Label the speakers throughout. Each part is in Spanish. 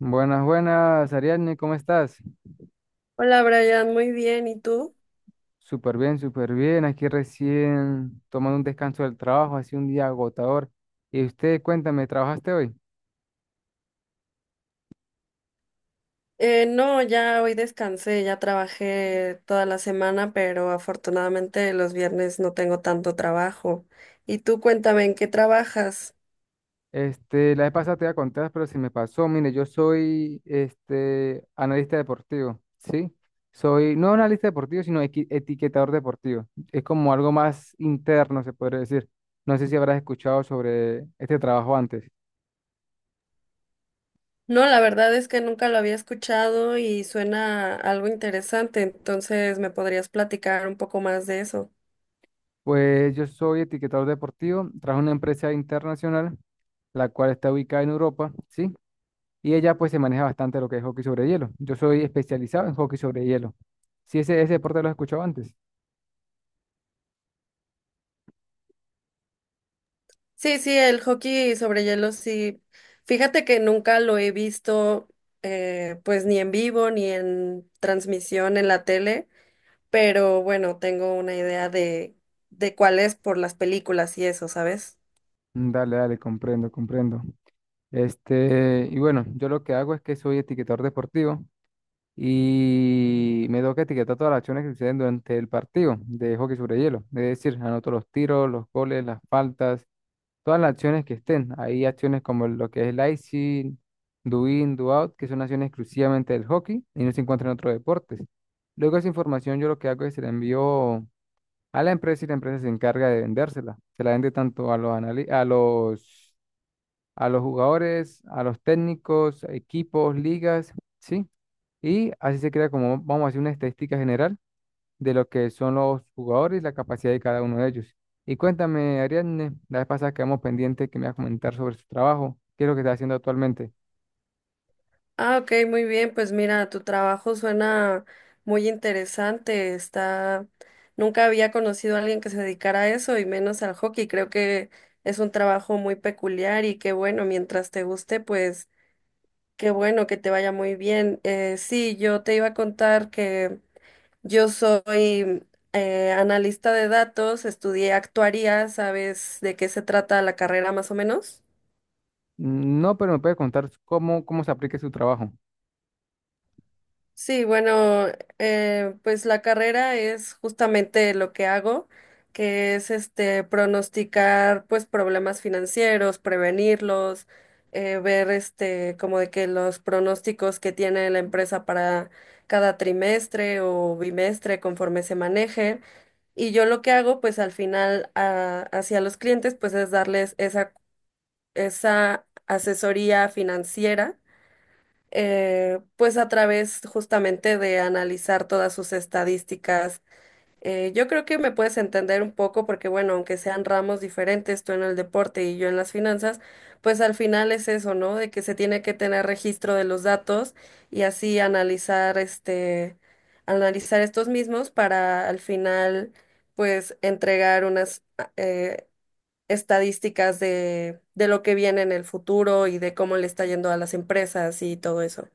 Speaker 1: Buenas, buenas, Ariadne, ¿cómo estás?
Speaker 2: Hola Brian, muy bien, ¿y tú?
Speaker 1: Súper bien, súper bien. Aquí recién tomando un descanso del trabajo, ha sido un día agotador. Y usted, cuéntame, ¿trabajaste hoy?
Speaker 2: No, ya hoy descansé, ya trabajé toda la semana, pero afortunadamente los viernes no tengo tanto trabajo. Y tú cuéntame, ¿en qué trabajas?
Speaker 1: La vez pasada te iba a contar, pero se me pasó. Mire, yo soy analista deportivo, ¿sí? Soy no analista deportivo, sino etiquetador deportivo. Es como algo más interno, se podría decir. No sé si habrás escuchado sobre este trabajo antes.
Speaker 2: No, la verdad es que nunca lo había escuchado y suena algo interesante, entonces me podrías platicar un poco más de eso.
Speaker 1: Pues yo soy etiquetador deportivo, trabajo en una empresa internacional, la cual está ubicada en Europa, ¿sí? Y ella pues se maneja bastante lo que es hockey sobre hielo. Yo soy especializado en hockey sobre hielo. Sí, ese deporte lo he escuchado antes.
Speaker 2: Sí, sí, el hockey sobre hielo, sí. Fíjate que nunca lo he visto, pues ni en vivo ni en transmisión en la tele. Pero bueno, tengo una idea de cuál es por las películas y eso, ¿sabes?
Speaker 1: Mm, dale, dale, comprendo, comprendo. Y bueno, yo lo que hago es que soy etiquetador deportivo y me toca etiquetar todas las acciones que suceden durante el partido de hockey sobre hielo. Es decir, anoto los tiros, los goles, las faltas, todas las acciones que estén. Hay acciones como lo que es el icing, do in, do out, que son acciones exclusivamente del hockey y no se encuentran en otros deportes. Luego esa información yo lo que hago es se la envío a la empresa y la empresa se encarga de vendérsela. Se la vende tanto a a los jugadores, a los técnicos, a equipos, ligas, ¿sí? Y así se crea como, vamos a decir, una estadística general de lo que son los jugadores y la capacidad de cada uno de ellos. Y cuéntame, Ariadne, la vez pasada quedamos pendiente que me vas a comentar sobre su trabajo. ¿Qué es lo que está haciendo actualmente?
Speaker 2: Ah, ok, muy bien, pues mira, tu trabajo suena muy interesante. Nunca había conocido a alguien que se dedicara a eso y menos al hockey, creo que es un trabajo muy peculiar y qué bueno, mientras te guste, pues qué bueno que te vaya muy bien. Sí, yo te iba a contar. Yo soy analista de datos, estudié actuaría, ¿sabes de qué se trata la carrera más o menos?
Speaker 1: No, pero me puede contar cómo se aplica su trabajo.
Speaker 2: Sí, bueno, pues la carrera es justamente lo que hago, que es pronosticar pues problemas financieros, prevenirlos, ver como de que los pronósticos que tiene la empresa para cada trimestre o bimestre conforme se maneje. Y yo lo que hago, pues al final hacia los clientes, pues es darles esa asesoría financiera, pues a través justamente de analizar todas sus estadísticas. Yo creo que me puedes entender un poco porque, bueno, aunque sean ramos diferentes, tú en el deporte y yo en las finanzas, pues al final es eso, ¿no? De que se tiene que tener registro de los datos y así analizar estos mismos para al final, pues, entregar unas estadísticas de lo que viene en el futuro y de cómo le está yendo a las empresas y todo eso.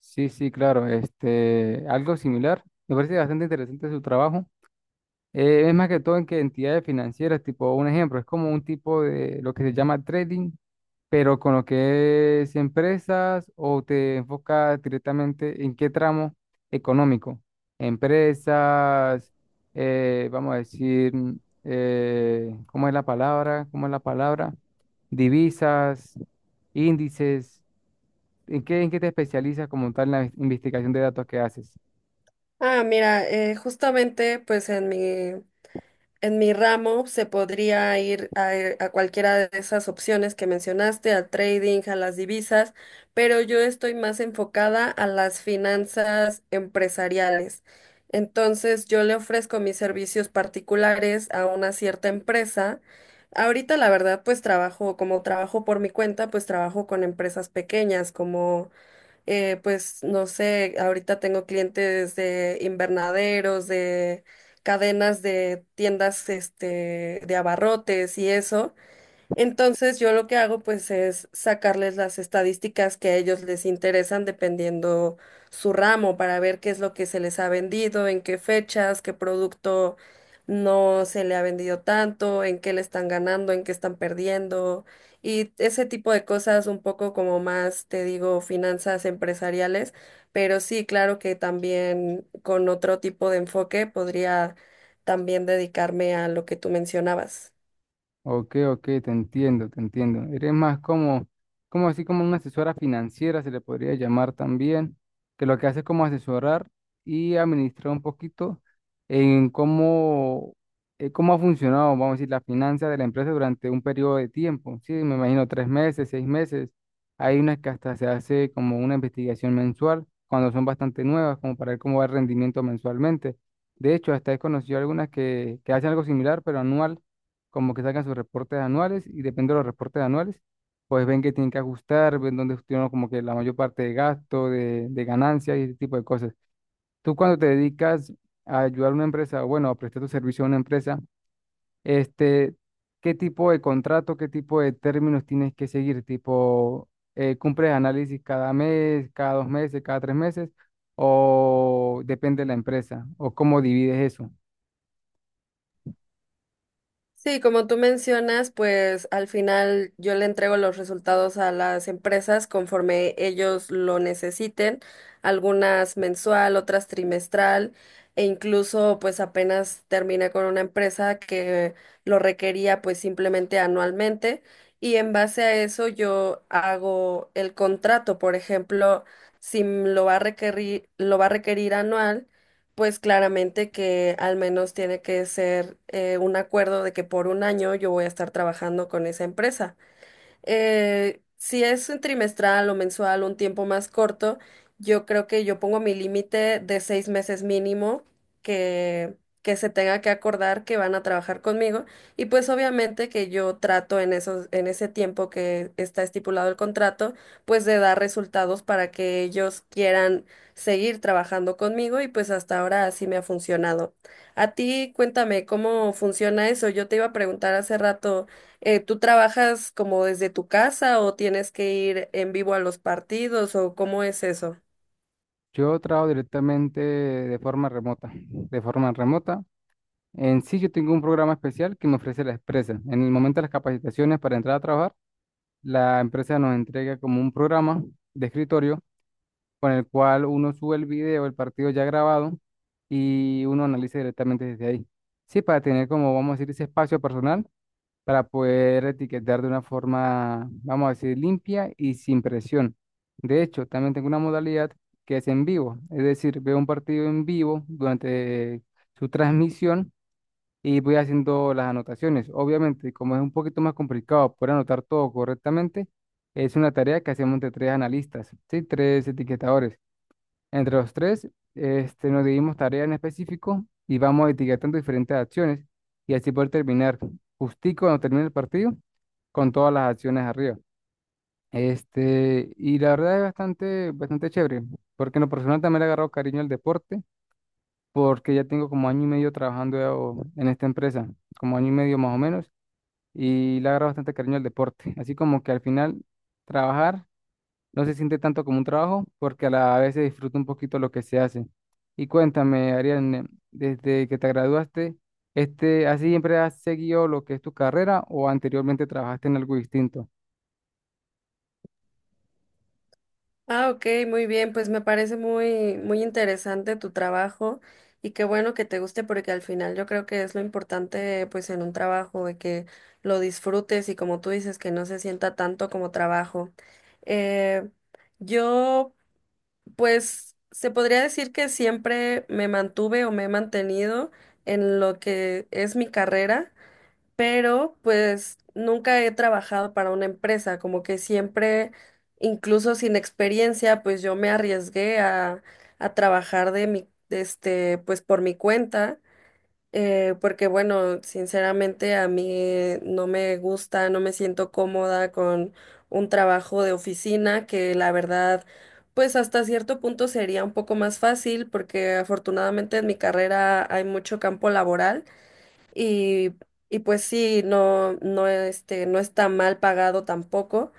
Speaker 1: Sí, sí, claro, este, algo similar. Me parece bastante interesante su trabajo. Es más que todo en que entidades financieras, tipo un ejemplo, es como un tipo de lo que se llama trading, pero con lo que es empresas, o te enfocas directamente en qué tramo económico. Empresas, vamos a decir, ¿cómo es la palabra? ¿Cómo es la palabra? Divisas, índices. En qué te especializas como tal en la investigación de datos que haces?
Speaker 2: Ah, mira, justamente pues en mi ramo se podría ir a cualquiera de esas opciones que mencionaste, al trading, a las divisas, pero yo estoy más enfocada a las finanzas empresariales. Entonces, yo le ofrezco mis servicios particulares a una cierta empresa. Ahorita, la verdad, pues trabajo, como trabajo por mi cuenta, pues trabajo con empresas pequeñas, como pues no sé, ahorita tengo clientes de invernaderos, de cadenas de tiendas, de abarrotes y eso. Entonces yo lo que hago pues es sacarles las estadísticas que a ellos les interesan dependiendo su ramo para ver qué es lo que se les ha vendido, en qué fechas, qué producto no se le ha vendido tanto, en qué le están ganando, en qué están perdiendo y ese tipo de cosas un poco como más, te digo, finanzas empresariales, pero sí, claro que también con otro tipo de enfoque podría también dedicarme a lo que tú mencionabas.
Speaker 1: Ok, ok, te entiendo, te entiendo. Eres más como, como así como una asesora financiera, se le podría llamar también, que lo que hace es como asesorar y administrar un poquito en cómo, cómo ha funcionado, vamos a decir, la finanza de la empresa durante un periodo de tiempo. Sí, me imagino tres meses, seis meses. Hay unas que hasta se hace como una investigación mensual, cuando son bastante nuevas, como para ver cómo va el rendimiento mensualmente. De hecho, hasta he conocido algunas que hacen algo similar, pero anual, como que sacan sus reportes anuales y depende de los reportes anuales, pues ven que tienen que ajustar, ven dónde tienen como que la mayor parte de gasto, de ganancias y ese tipo de cosas. Tú cuando te dedicas a ayudar a una empresa, o bueno, a prestar tu servicio a una empresa, este, ¿qué tipo de contrato, qué tipo de términos tienes que seguir? Tipo, ¿cumples análisis cada mes, cada dos meses, cada tres meses? ¿O depende de la empresa? ¿O cómo divides eso?
Speaker 2: Sí, como tú mencionas, pues al final yo le entrego los resultados a las empresas conforme ellos lo necesiten, algunas mensual, otras trimestral, e incluso pues apenas terminé con una empresa que lo requería pues simplemente anualmente y en base a eso yo hago el contrato, por ejemplo, si lo va a requerir, lo va a requerir anual. Pues claramente que al menos tiene que ser un acuerdo de que por un año yo voy a estar trabajando con esa empresa. Si es un trimestral o mensual, un tiempo más corto, yo creo que yo pongo mi límite de 6 meses mínimo que, que se tenga que acordar que van a trabajar conmigo. Y pues obviamente que yo trato en en ese tiempo que está estipulado el contrato, pues de dar resultados para que ellos quieran seguir trabajando conmigo y pues hasta ahora así me ha funcionado. A ti, cuéntame cómo funciona eso. Yo te iba a preguntar hace rato. ¿Tú trabajas como desde tu casa o tienes que ir en vivo a los partidos o cómo es eso?
Speaker 1: Yo trabajo directamente de forma remota. De forma remota. En sí, yo tengo un programa especial que me ofrece la empresa. En el momento de las capacitaciones para entrar a trabajar, la empresa nos entrega como un programa de escritorio con el cual uno sube el video, el partido ya grabado, y uno analiza directamente desde ahí. Sí, para tener como, vamos a decir, ese espacio personal para poder etiquetar de una forma, vamos a decir, limpia y sin presión. De hecho, también tengo una modalidad que es en vivo, es decir, veo un partido en vivo durante su transmisión y voy haciendo las anotaciones. Obviamente, como es un poquito más complicado poder anotar todo correctamente, es una tarea que hacemos entre tres analistas, ¿sí? Tres etiquetadores. Entre los tres, este, nos dividimos tareas en específico y vamos etiquetando diferentes acciones y así poder terminar justico cuando termine el partido con todas las acciones arriba. Y la verdad es bastante, bastante chévere, porque en lo personal también le he agarrado cariño al deporte, porque ya tengo como año y medio trabajando en esta empresa, como año y medio más o menos, y le he agarrado bastante cariño al deporte. Así como que al final trabajar no se siente tanto como un trabajo porque a la vez se disfruta un poquito lo que se hace. Y cuéntame, Ariane, desde que te graduaste, este, ¿así siempre has seguido lo que es tu carrera o anteriormente trabajaste en algo distinto?
Speaker 2: Ah, ok, muy bien, pues me parece muy, muy interesante tu trabajo y qué bueno que te guste porque al final yo creo que es lo importante pues en un trabajo de que lo disfrutes y como tú dices que no se sienta tanto como trabajo. Eh, yo pues se podría decir que siempre me mantuve o me he mantenido en lo que es mi carrera. Pero pues nunca he trabajado para una empresa, como que siempre, incluso sin experiencia, pues yo me arriesgué a trabajar de mi, de este, pues por mi cuenta, porque bueno, sinceramente a mí no me gusta, no me siento cómoda con un trabajo de oficina que la verdad. Pues hasta cierto punto sería un poco más fácil porque afortunadamente en mi carrera hay mucho campo laboral, y, y pues sí, no, no, no está mal pagado tampoco,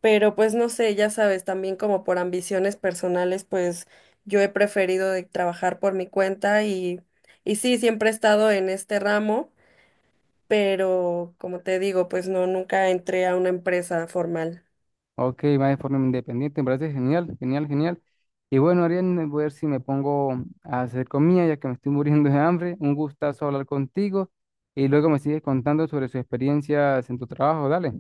Speaker 2: pero pues no sé, ya sabes, también como por ambiciones personales, pues yo he preferido de trabajar por mi cuenta y sí, siempre he estado en este ramo, pero como te digo, pues no, nunca entré a una empresa formal.
Speaker 1: Ok, va de forma independiente, me parece genial, genial, genial. Y bueno, Ariane, voy a ver si me pongo a hacer comida ya que me estoy muriendo de hambre. Un gustazo hablar contigo y luego me sigues contando sobre sus experiencias en tu trabajo. Dale,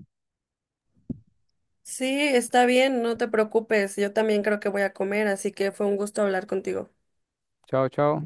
Speaker 2: Sí, está bien, no te preocupes, yo también creo que voy a comer, así que fue un gusto hablar contigo.
Speaker 1: chao, chao.